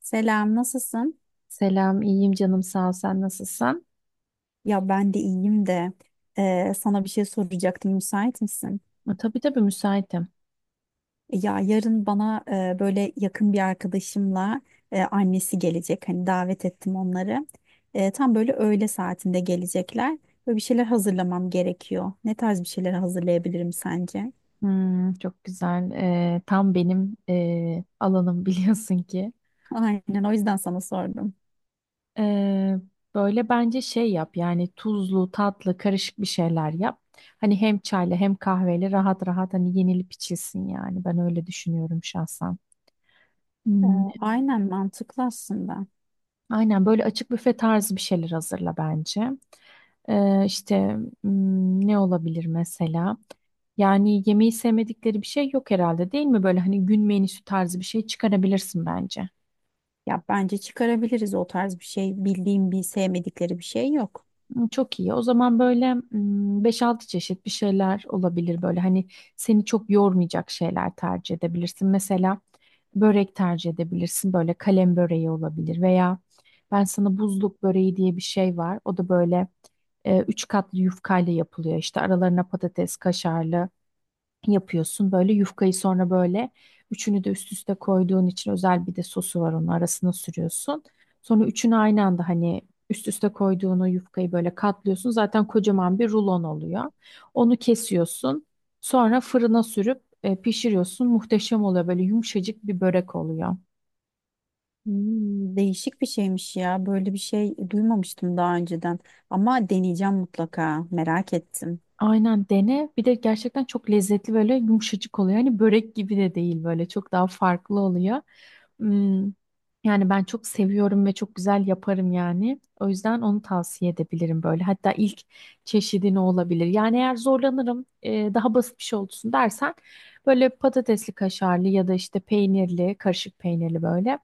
Selam, nasılsın? Selam, iyiyim canım sağ ol. Sen nasılsın? Ya ben de iyiyim de sana bir şey soracaktım. Müsait misin? Tabii tabii müsaitim. Ya yarın bana böyle yakın bir arkadaşımla annesi gelecek. Hani davet ettim onları. Tam böyle öğle saatinde gelecekler. Böyle bir şeyler hazırlamam gerekiyor. Ne tarz bir şeyler hazırlayabilirim sence? Hmm, çok güzel. Tam benim alanım biliyorsun ki. Aynen, o yüzden sana sordum. E, böyle bence şey yap yani tuzlu, tatlı, karışık bir şeyler yap. Hani hem çayla hem kahveyle rahat rahat hani yenilip içilsin yani. Ben öyle düşünüyorum şahsen. E, Hmm, aynen mantıklı aslında. aynen böyle açık büfe tarzı bir şeyler hazırla bence. İşte ne olabilir mesela? Yani yemeği sevmedikleri bir şey yok herhalde değil mi? Böyle hani gün menüsü tarzı bir şey çıkarabilirsin bence. Ya bence çıkarabiliriz o tarz bir şey. Bildiğim bir sevmedikleri bir şey yok. Hı, çok iyi. O zaman böyle 5-6 çeşit bir şeyler olabilir böyle. Hani seni çok yormayacak şeyler tercih edebilirsin. Mesela börek tercih edebilirsin. Böyle kalem böreği olabilir veya ben sana buzluk böreği diye bir şey var. O da böyle üç katlı yufkayla yapılıyor. İşte aralarına patates, kaşarlı yapıyorsun. Böyle yufkayı sonra böyle üçünü de üst üste koyduğun için özel bir de sosu var onun arasına sürüyorsun. Sonra üçünü aynı anda hani üst üste koyduğun o yufkayı böyle katlıyorsun. Zaten kocaman bir rulon oluyor. Onu kesiyorsun. Sonra fırına sürüp pişiriyorsun. Muhteşem oluyor. Böyle yumuşacık bir börek oluyor. Hmm, değişik bir şeymiş ya. Böyle bir şey duymamıştım daha önceden. Ama deneyeceğim mutlaka. Merak ettim. Aynen dene. Bir de gerçekten çok lezzetli böyle yumuşacık oluyor. Hani börek gibi de değil böyle çok daha farklı oluyor. Hmm, Yani ben çok seviyorum ve çok güzel yaparım yani. O yüzden onu tavsiye edebilirim böyle. Hatta ilk çeşidini olabilir. Yani eğer zorlanırım daha basit bir şey olsun dersen böyle patatesli kaşarlı ya da işte peynirli, karışık peynirli böyle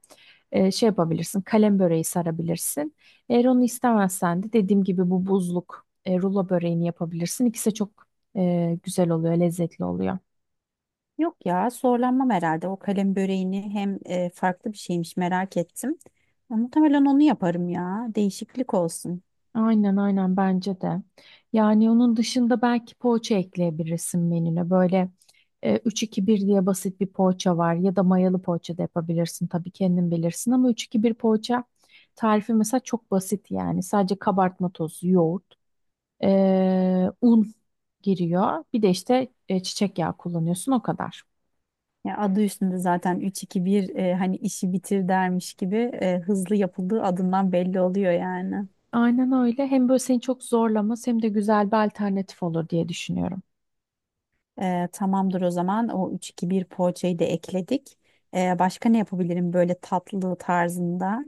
şey yapabilirsin. Kalem böreği sarabilirsin. Eğer onu istemezsen de dediğim gibi bu buzluk rulo böreğini yapabilirsin. İkisi de çok güzel oluyor, lezzetli oluyor. Yok ya, zorlanmam herhalde. O kalem böreğini hem farklı bir şeymiş merak ettim. Ya, muhtemelen onu yaparım ya. Değişiklik olsun. Aynen aynen bence de. Yani onun dışında belki poğaça ekleyebilirsin menüne. Böyle 3-2-1 diye basit bir poğaça var ya da mayalı poğaça da yapabilirsin. Tabii kendin bilirsin ama üç iki bir poğaça tarifi mesela çok basit yani. Sadece kabartma tozu, yoğurt, un giriyor. Bir de işte çiçek yağı kullanıyorsun o kadar. Ya adı üstünde zaten üç iki bir hani işi bitir dermiş gibi hızlı yapıldığı adından belli oluyor yani. Aynen öyle. Hem böyle seni çok zorlamaz hem de güzel bir alternatif olur diye düşünüyorum. Tamamdır o zaman. O üç iki bir poğaçayı da ekledik. Başka ne yapabilirim böyle tatlı tarzında?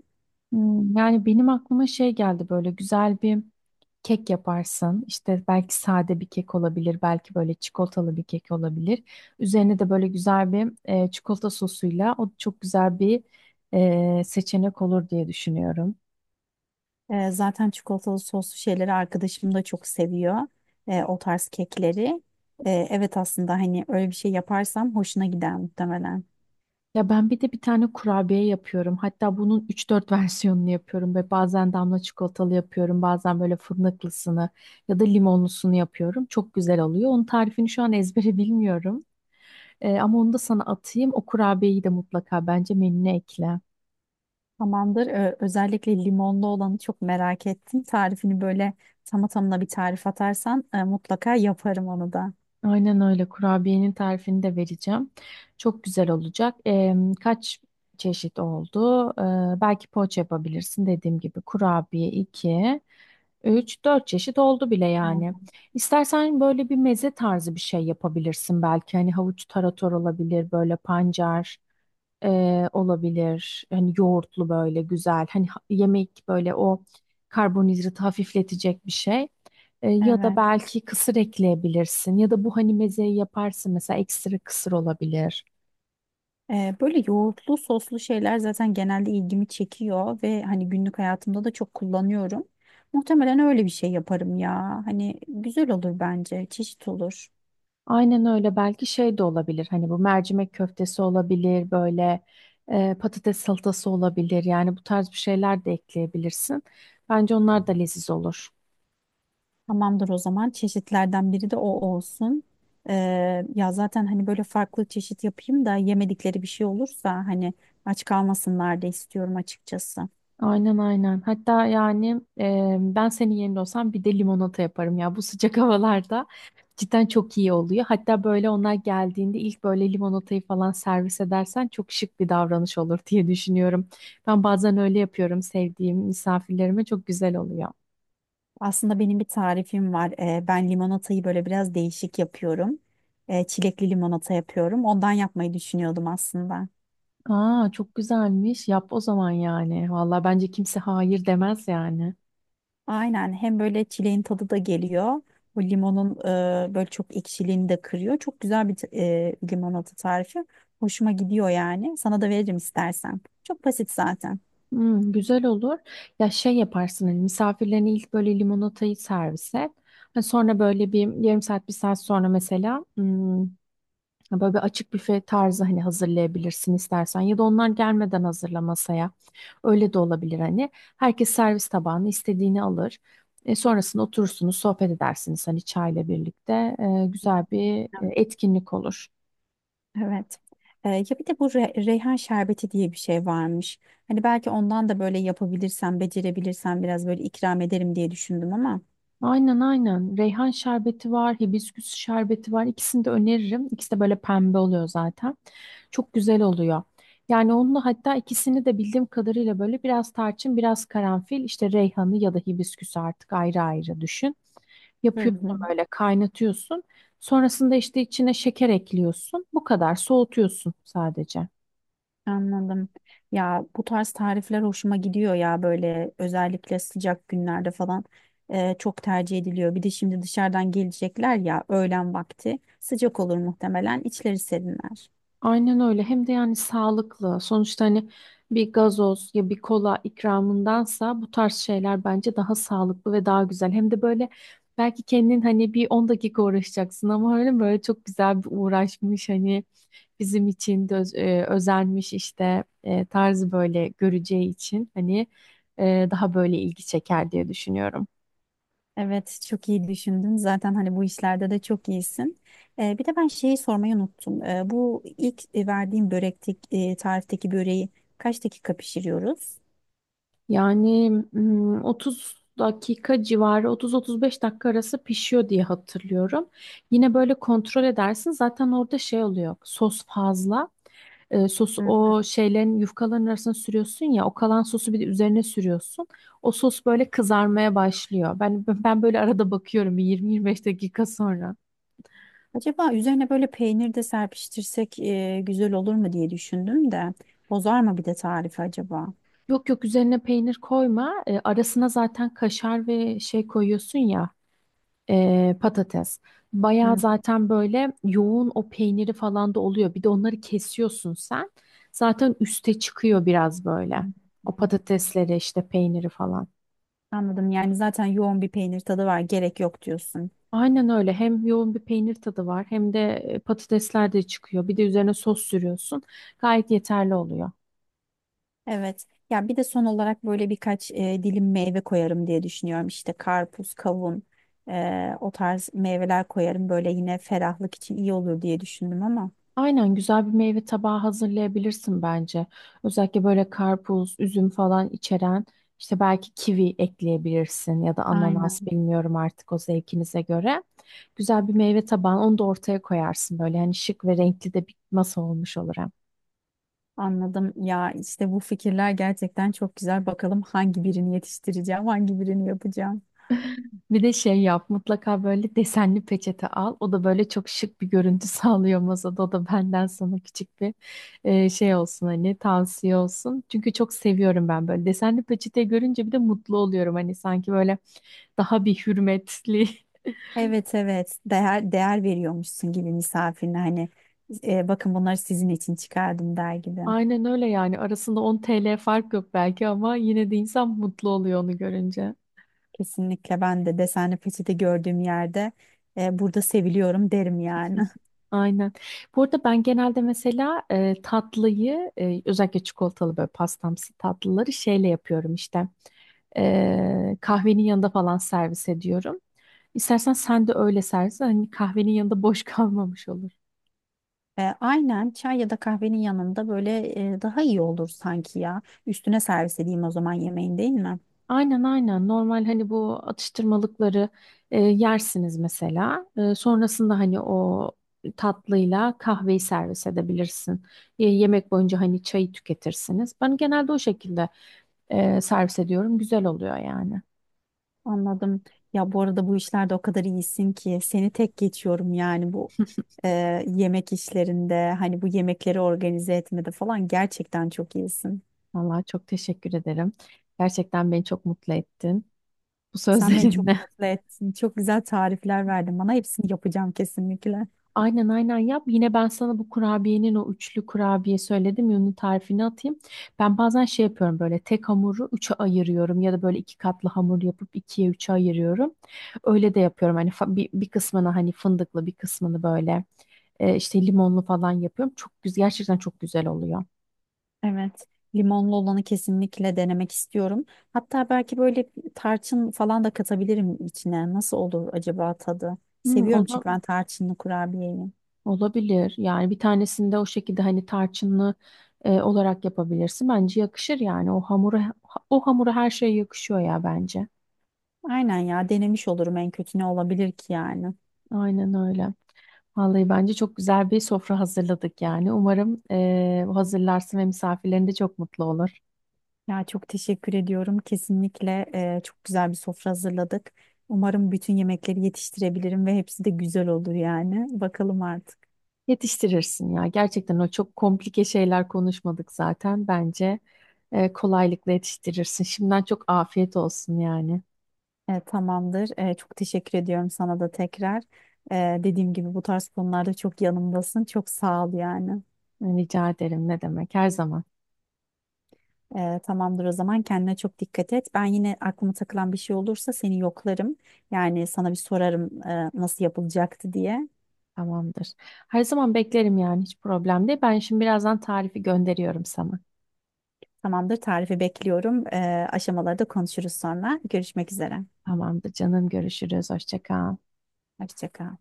Yani benim aklıma şey geldi böyle güzel bir kek yaparsın. İşte belki sade bir kek olabilir, belki böyle çikolatalı bir kek olabilir. Üzerine de böyle güzel bir çikolata sosuyla o çok güzel bir seçenek olur diye düşünüyorum. Zaten çikolatalı soslu şeyleri arkadaşım da çok seviyor. O tarz kekleri. Evet aslında hani öyle bir şey yaparsam hoşuna gider muhtemelen. Ya ben bir de bir tane kurabiye yapıyorum. Hatta bunun üç dört versiyonunu yapıyorum ve bazen damla çikolatalı yapıyorum. Bazen böyle fındıklısını ya da limonlusunu yapıyorum. Çok güzel oluyor. Onun tarifini şu an ezbere bilmiyorum. Ama onu da sana atayım. O kurabiyeyi de mutlaka bence menüne ekle. Tamamdır. Özellikle limonlu olanı çok merak ettim. Tarifini böyle tamı tamına bir tarif atarsan mutlaka yaparım onu da. Aynen öyle. Kurabiyenin tarifini de vereceğim. Çok güzel olacak. Kaç çeşit oldu? Belki poğaça yapabilirsin dediğim gibi. Kurabiye 2, 3, 4 çeşit oldu bile yani. İstersen böyle bir meze tarzı bir şey yapabilirsin belki. Hani havuç tarator olabilir, böyle pancar olabilir. Hani yoğurtlu böyle güzel. Hani yemek böyle o karbonhidratı hafifletecek bir şey. Ya da Evet. belki kısır ekleyebilirsin. Ya da bu hani mezeyi yaparsın mesela ekstra kısır olabilir. Böyle yoğurtlu soslu şeyler zaten genelde ilgimi çekiyor ve hani günlük hayatımda da çok kullanıyorum. Muhtemelen öyle bir şey yaparım ya. Hani güzel olur bence. Çeşit olur. Aynen öyle belki şey de olabilir. Hani bu mercimek köftesi olabilir böyle patates salatası olabilir. Yani bu tarz bir şeyler de ekleyebilirsin. Bence onlar da leziz olur. Tamamdır o zaman. Çeşitlerden biri de o olsun. Ee, Ya zaten hani böyle farklı çeşit yapayım da yemedikleri bir şey olursa hani aç kalmasınlar da istiyorum açıkçası. Aynen aynen. Hatta yani ben senin yerinde olsam bir de limonata yaparım ya. Bu sıcak havalarda cidden çok iyi oluyor. Hatta böyle onlar geldiğinde ilk böyle limonatayı falan servis edersen çok şık bir davranış olur diye düşünüyorum. Ben bazen öyle yapıyorum sevdiğim misafirlerime çok güzel oluyor. Aslında benim bir tarifim var. Ben limonatayı böyle biraz değişik yapıyorum. Çilekli limonata yapıyorum. Ondan yapmayı düşünüyordum aslında. Aa çok güzelmiş. Yap o zaman yani. Vallahi bence kimse hayır demez yani. Aynen hem böyle çileğin tadı da geliyor. Bu limonun böyle çok ekşiliğini de kırıyor. Çok güzel bir limonata tarifi. Hoşuma gidiyor yani. Sana da veririm istersen. Çok basit zaten. Güzel olur. Ya şey yaparsın hani misafirlerine ilk böyle limonatayı servis et. Hani sonra böyle bir yarım saat bir saat sonra mesela böyle bir açık büfe tarzı hani hazırlayabilirsin istersen. Ya da onlar gelmeden hazırla masaya. Öyle de olabilir hani. Herkes servis tabağını istediğini alır. Sonrasında oturursunuz sohbet edersiniz hani çayla birlikte. Güzel bir etkinlik olur. Evet. Ya bir de bu reyhan şerbeti diye bir şey varmış. Hani belki ondan da böyle yapabilirsem, becerebilirsem biraz böyle ikram ederim diye düşündüm ama. Aynen aynen. Reyhan şerbeti var, hibisküs şerbeti var. İkisini de öneririm. İkisi de böyle pembe oluyor zaten. Çok güzel oluyor. Yani onunla hatta ikisini de bildiğim kadarıyla böyle biraz tarçın, biraz karanfil, işte reyhanı ya da hibisküsü artık ayrı ayrı düşün. Hı Yapıyorsun hı. böyle kaynatıyorsun. Sonrasında işte içine şeker ekliyorsun. Bu kadar soğutuyorsun sadece. Anladım. Ya bu tarz tarifler hoşuma gidiyor ya böyle özellikle sıcak günlerde falan çok tercih ediliyor. Bir de şimdi dışarıdan gelecekler ya öğlen vakti sıcak olur muhtemelen içleri serinler. Aynen öyle. Hem de yani sağlıklı. Sonuçta hani bir gazoz ya bir kola ikramındansa bu tarz şeyler bence daha sağlıklı ve daha güzel. Hem de böyle belki kendin hani bir 10 dakika uğraşacaksın ama öyle böyle çok güzel bir uğraşmış hani bizim için de özenmiş işte tarzı böyle göreceği için hani daha böyle ilgi çeker diye düşünüyorum. Evet, çok iyi düşündün. Zaten hani bu işlerde de çok iyisin. Bir de ben şeyi sormayı unuttum. Bu ilk verdiğim börektik tarifteki böreği kaç dakika pişiriyoruz? Yani 30 dakika civarı 30-35 dakika arası pişiyor diye hatırlıyorum. Yine böyle kontrol edersin. Zaten orada şey oluyor. Sos fazla. Sosu Hı. o şeylerin yufkaların arasına sürüyorsun ya. O kalan sosu bir de üzerine sürüyorsun. O sos böyle kızarmaya başlıyor. Ben böyle arada bakıyorum bir 20-25 dakika sonra. Acaba üzerine böyle peynir de serpiştirsek güzel olur mu diye düşündüm de bozar mı bir de tarifi acaba? Yok yok üzerine peynir koyma. Arasına zaten kaşar ve şey koyuyorsun ya. Patates. Bayağı Hı. zaten böyle yoğun o peyniri falan da oluyor. Bir de onları kesiyorsun sen. Zaten üste çıkıyor biraz böyle. Hmm. O patatesleri işte peyniri falan. Anladım. Yani zaten yoğun bir peynir tadı var. Gerek yok diyorsun. Aynen öyle. Hem yoğun bir peynir tadı var hem de patatesler de çıkıyor. Bir de üzerine sos sürüyorsun. Gayet yeterli oluyor. Evet. Ya bir de son olarak böyle birkaç dilim meyve koyarım diye düşünüyorum. İşte karpuz, kavun, o tarz meyveler koyarım. Böyle yine ferahlık için iyi olur diye düşündüm ama. Aynen güzel bir meyve tabağı hazırlayabilirsin bence. Özellikle böyle karpuz, üzüm falan içeren işte belki kivi ekleyebilirsin ya da ananas Aynen. bilmiyorum artık o zevkinize göre. Güzel bir meyve tabağı onu da ortaya koyarsın böyle hani şık ve renkli de bir masa olmuş olur hem. Anladım. Ya işte bu fikirler gerçekten çok güzel. Bakalım hangi birini yetiştireceğim, hangi birini yapacağım. Bir de şey yap mutlaka böyle desenli peçete al. O da böyle çok şık bir görüntü sağlıyor masada. O da benden sana küçük bir şey olsun hani tavsiye olsun. Çünkü çok seviyorum ben böyle desenli peçete görünce bir de mutlu oluyorum. Hani sanki böyle daha bir hürmetli. Evet evet. Değer veriyormuşsun gibi misafirine hani bakın bunları sizin için çıkardım der gibi. Aynen öyle yani arasında 10 TL fark yok belki ama yine de insan mutlu oluyor onu görünce. Kesinlikle ben de desenli peçete gördüğüm yerde burada seviliyorum derim yani. Aynen. Bu arada ben genelde mesela tatlıyı özellikle çikolatalı böyle pastamsı tatlıları şeyle yapıyorum işte. Kahvenin yanında falan servis ediyorum. İstersen sen de öyle servis et. Hani kahvenin yanında boş kalmamış olur. Aynen çay ya da kahvenin yanında böyle daha iyi olur sanki ya. Üstüne servis edeyim o zaman yemeğin değil mi? Aynen aynen. Normal hani bu atıştırmalıkları yersiniz mesela. Sonrasında hani o tatlıyla kahveyi servis edebilirsin. Yemek boyunca hani çayı tüketirsiniz. Ben genelde o şekilde servis ediyorum. Güzel oluyor yani. Anladım. Ya bu arada bu işlerde o kadar iyisin ki seni tek geçiyorum yani bu e, yemek işlerinde hani bu yemekleri organize etmede falan gerçekten çok iyisin. Vallahi çok teşekkür ederim. Gerçekten beni çok mutlu ettin bu Sen beni çok sözlerinle. mutlu ettin. Çok güzel tarifler verdin bana. Hepsini yapacağım kesinlikle. Aynen aynen yap. Yine ben sana bu kurabiyenin o üçlü kurabiye söyledim ya onun tarifini atayım. Ben bazen şey yapıyorum böyle tek hamuru üçe ayırıyorum ya da böyle iki katlı hamur yapıp ikiye üçe ayırıyorum. Öyle de yapıyorum hani bir kısmını hani fındıklı bir kısmını böyle işte limonlu falan yapıyorum. Çok güzel gerçekten çok güzel oluyor. Evet. Limonlu olanı kesinlikle denemek istiyorum. Hatta belki böyle tarçın falan da katabilirim içine. Nasıl olur acaba tadı? Hmm, Seviyorum çünkü onu ben tarçınlı kurabiyeyi. Olabilir. Yani bir tanesinde o şekilde hani tarçınlı olarak yapabilirsin. Bence yakışır yani. O hamura her şey yakışıyor ya bence. Aynen ya denemiş olurum en kötü ne olabilir ki yani. Aynen öyle. Vallahi bence çok güzel bir sofra hazırladık yani. Umarım hazırlarsın ve misafirlerin de çok mutlu olur. Ya çok teşekkür ediyorum. Kesinlikle çok güzel bir sofra hazırladık. Umarım bütün yemekleri yetiştirebilirim ve hepsi de güzel olur yani. Bakalım artık. Yetiştirirsin ya. Gerçekten o çok komplike şeyler konuşmadık zaten. Bence kolaylıkla yetiştirirsin. Şimdiden çok afiyet olsun yani. Tamamdır. Çok teşekkür ediyorum sana da tekrar. Dediğim gibi bu tarz konularda çok yanımdasın. Çok sağ ol yani. Rica ederim. Ne demek? Her zaman. Tamamdır o zaman kendine çok dikkat et. Ben yine aklıma takılan bir şey olursa seni yoklarım. Yani sana bir sorarım nasıl yapılacaktı diye. Tamamdır. Her zaman beklerim yani hiç problem değil. Ben şimdi birazdan tarifi gönderiyorum sana. Tamamdır tarifi bekliyorum. Aşamalarda konuşuruz sonra. Görüşmek üzere. Tamamdır canım görüşürüz. Hoşça kal. Hoşça kal.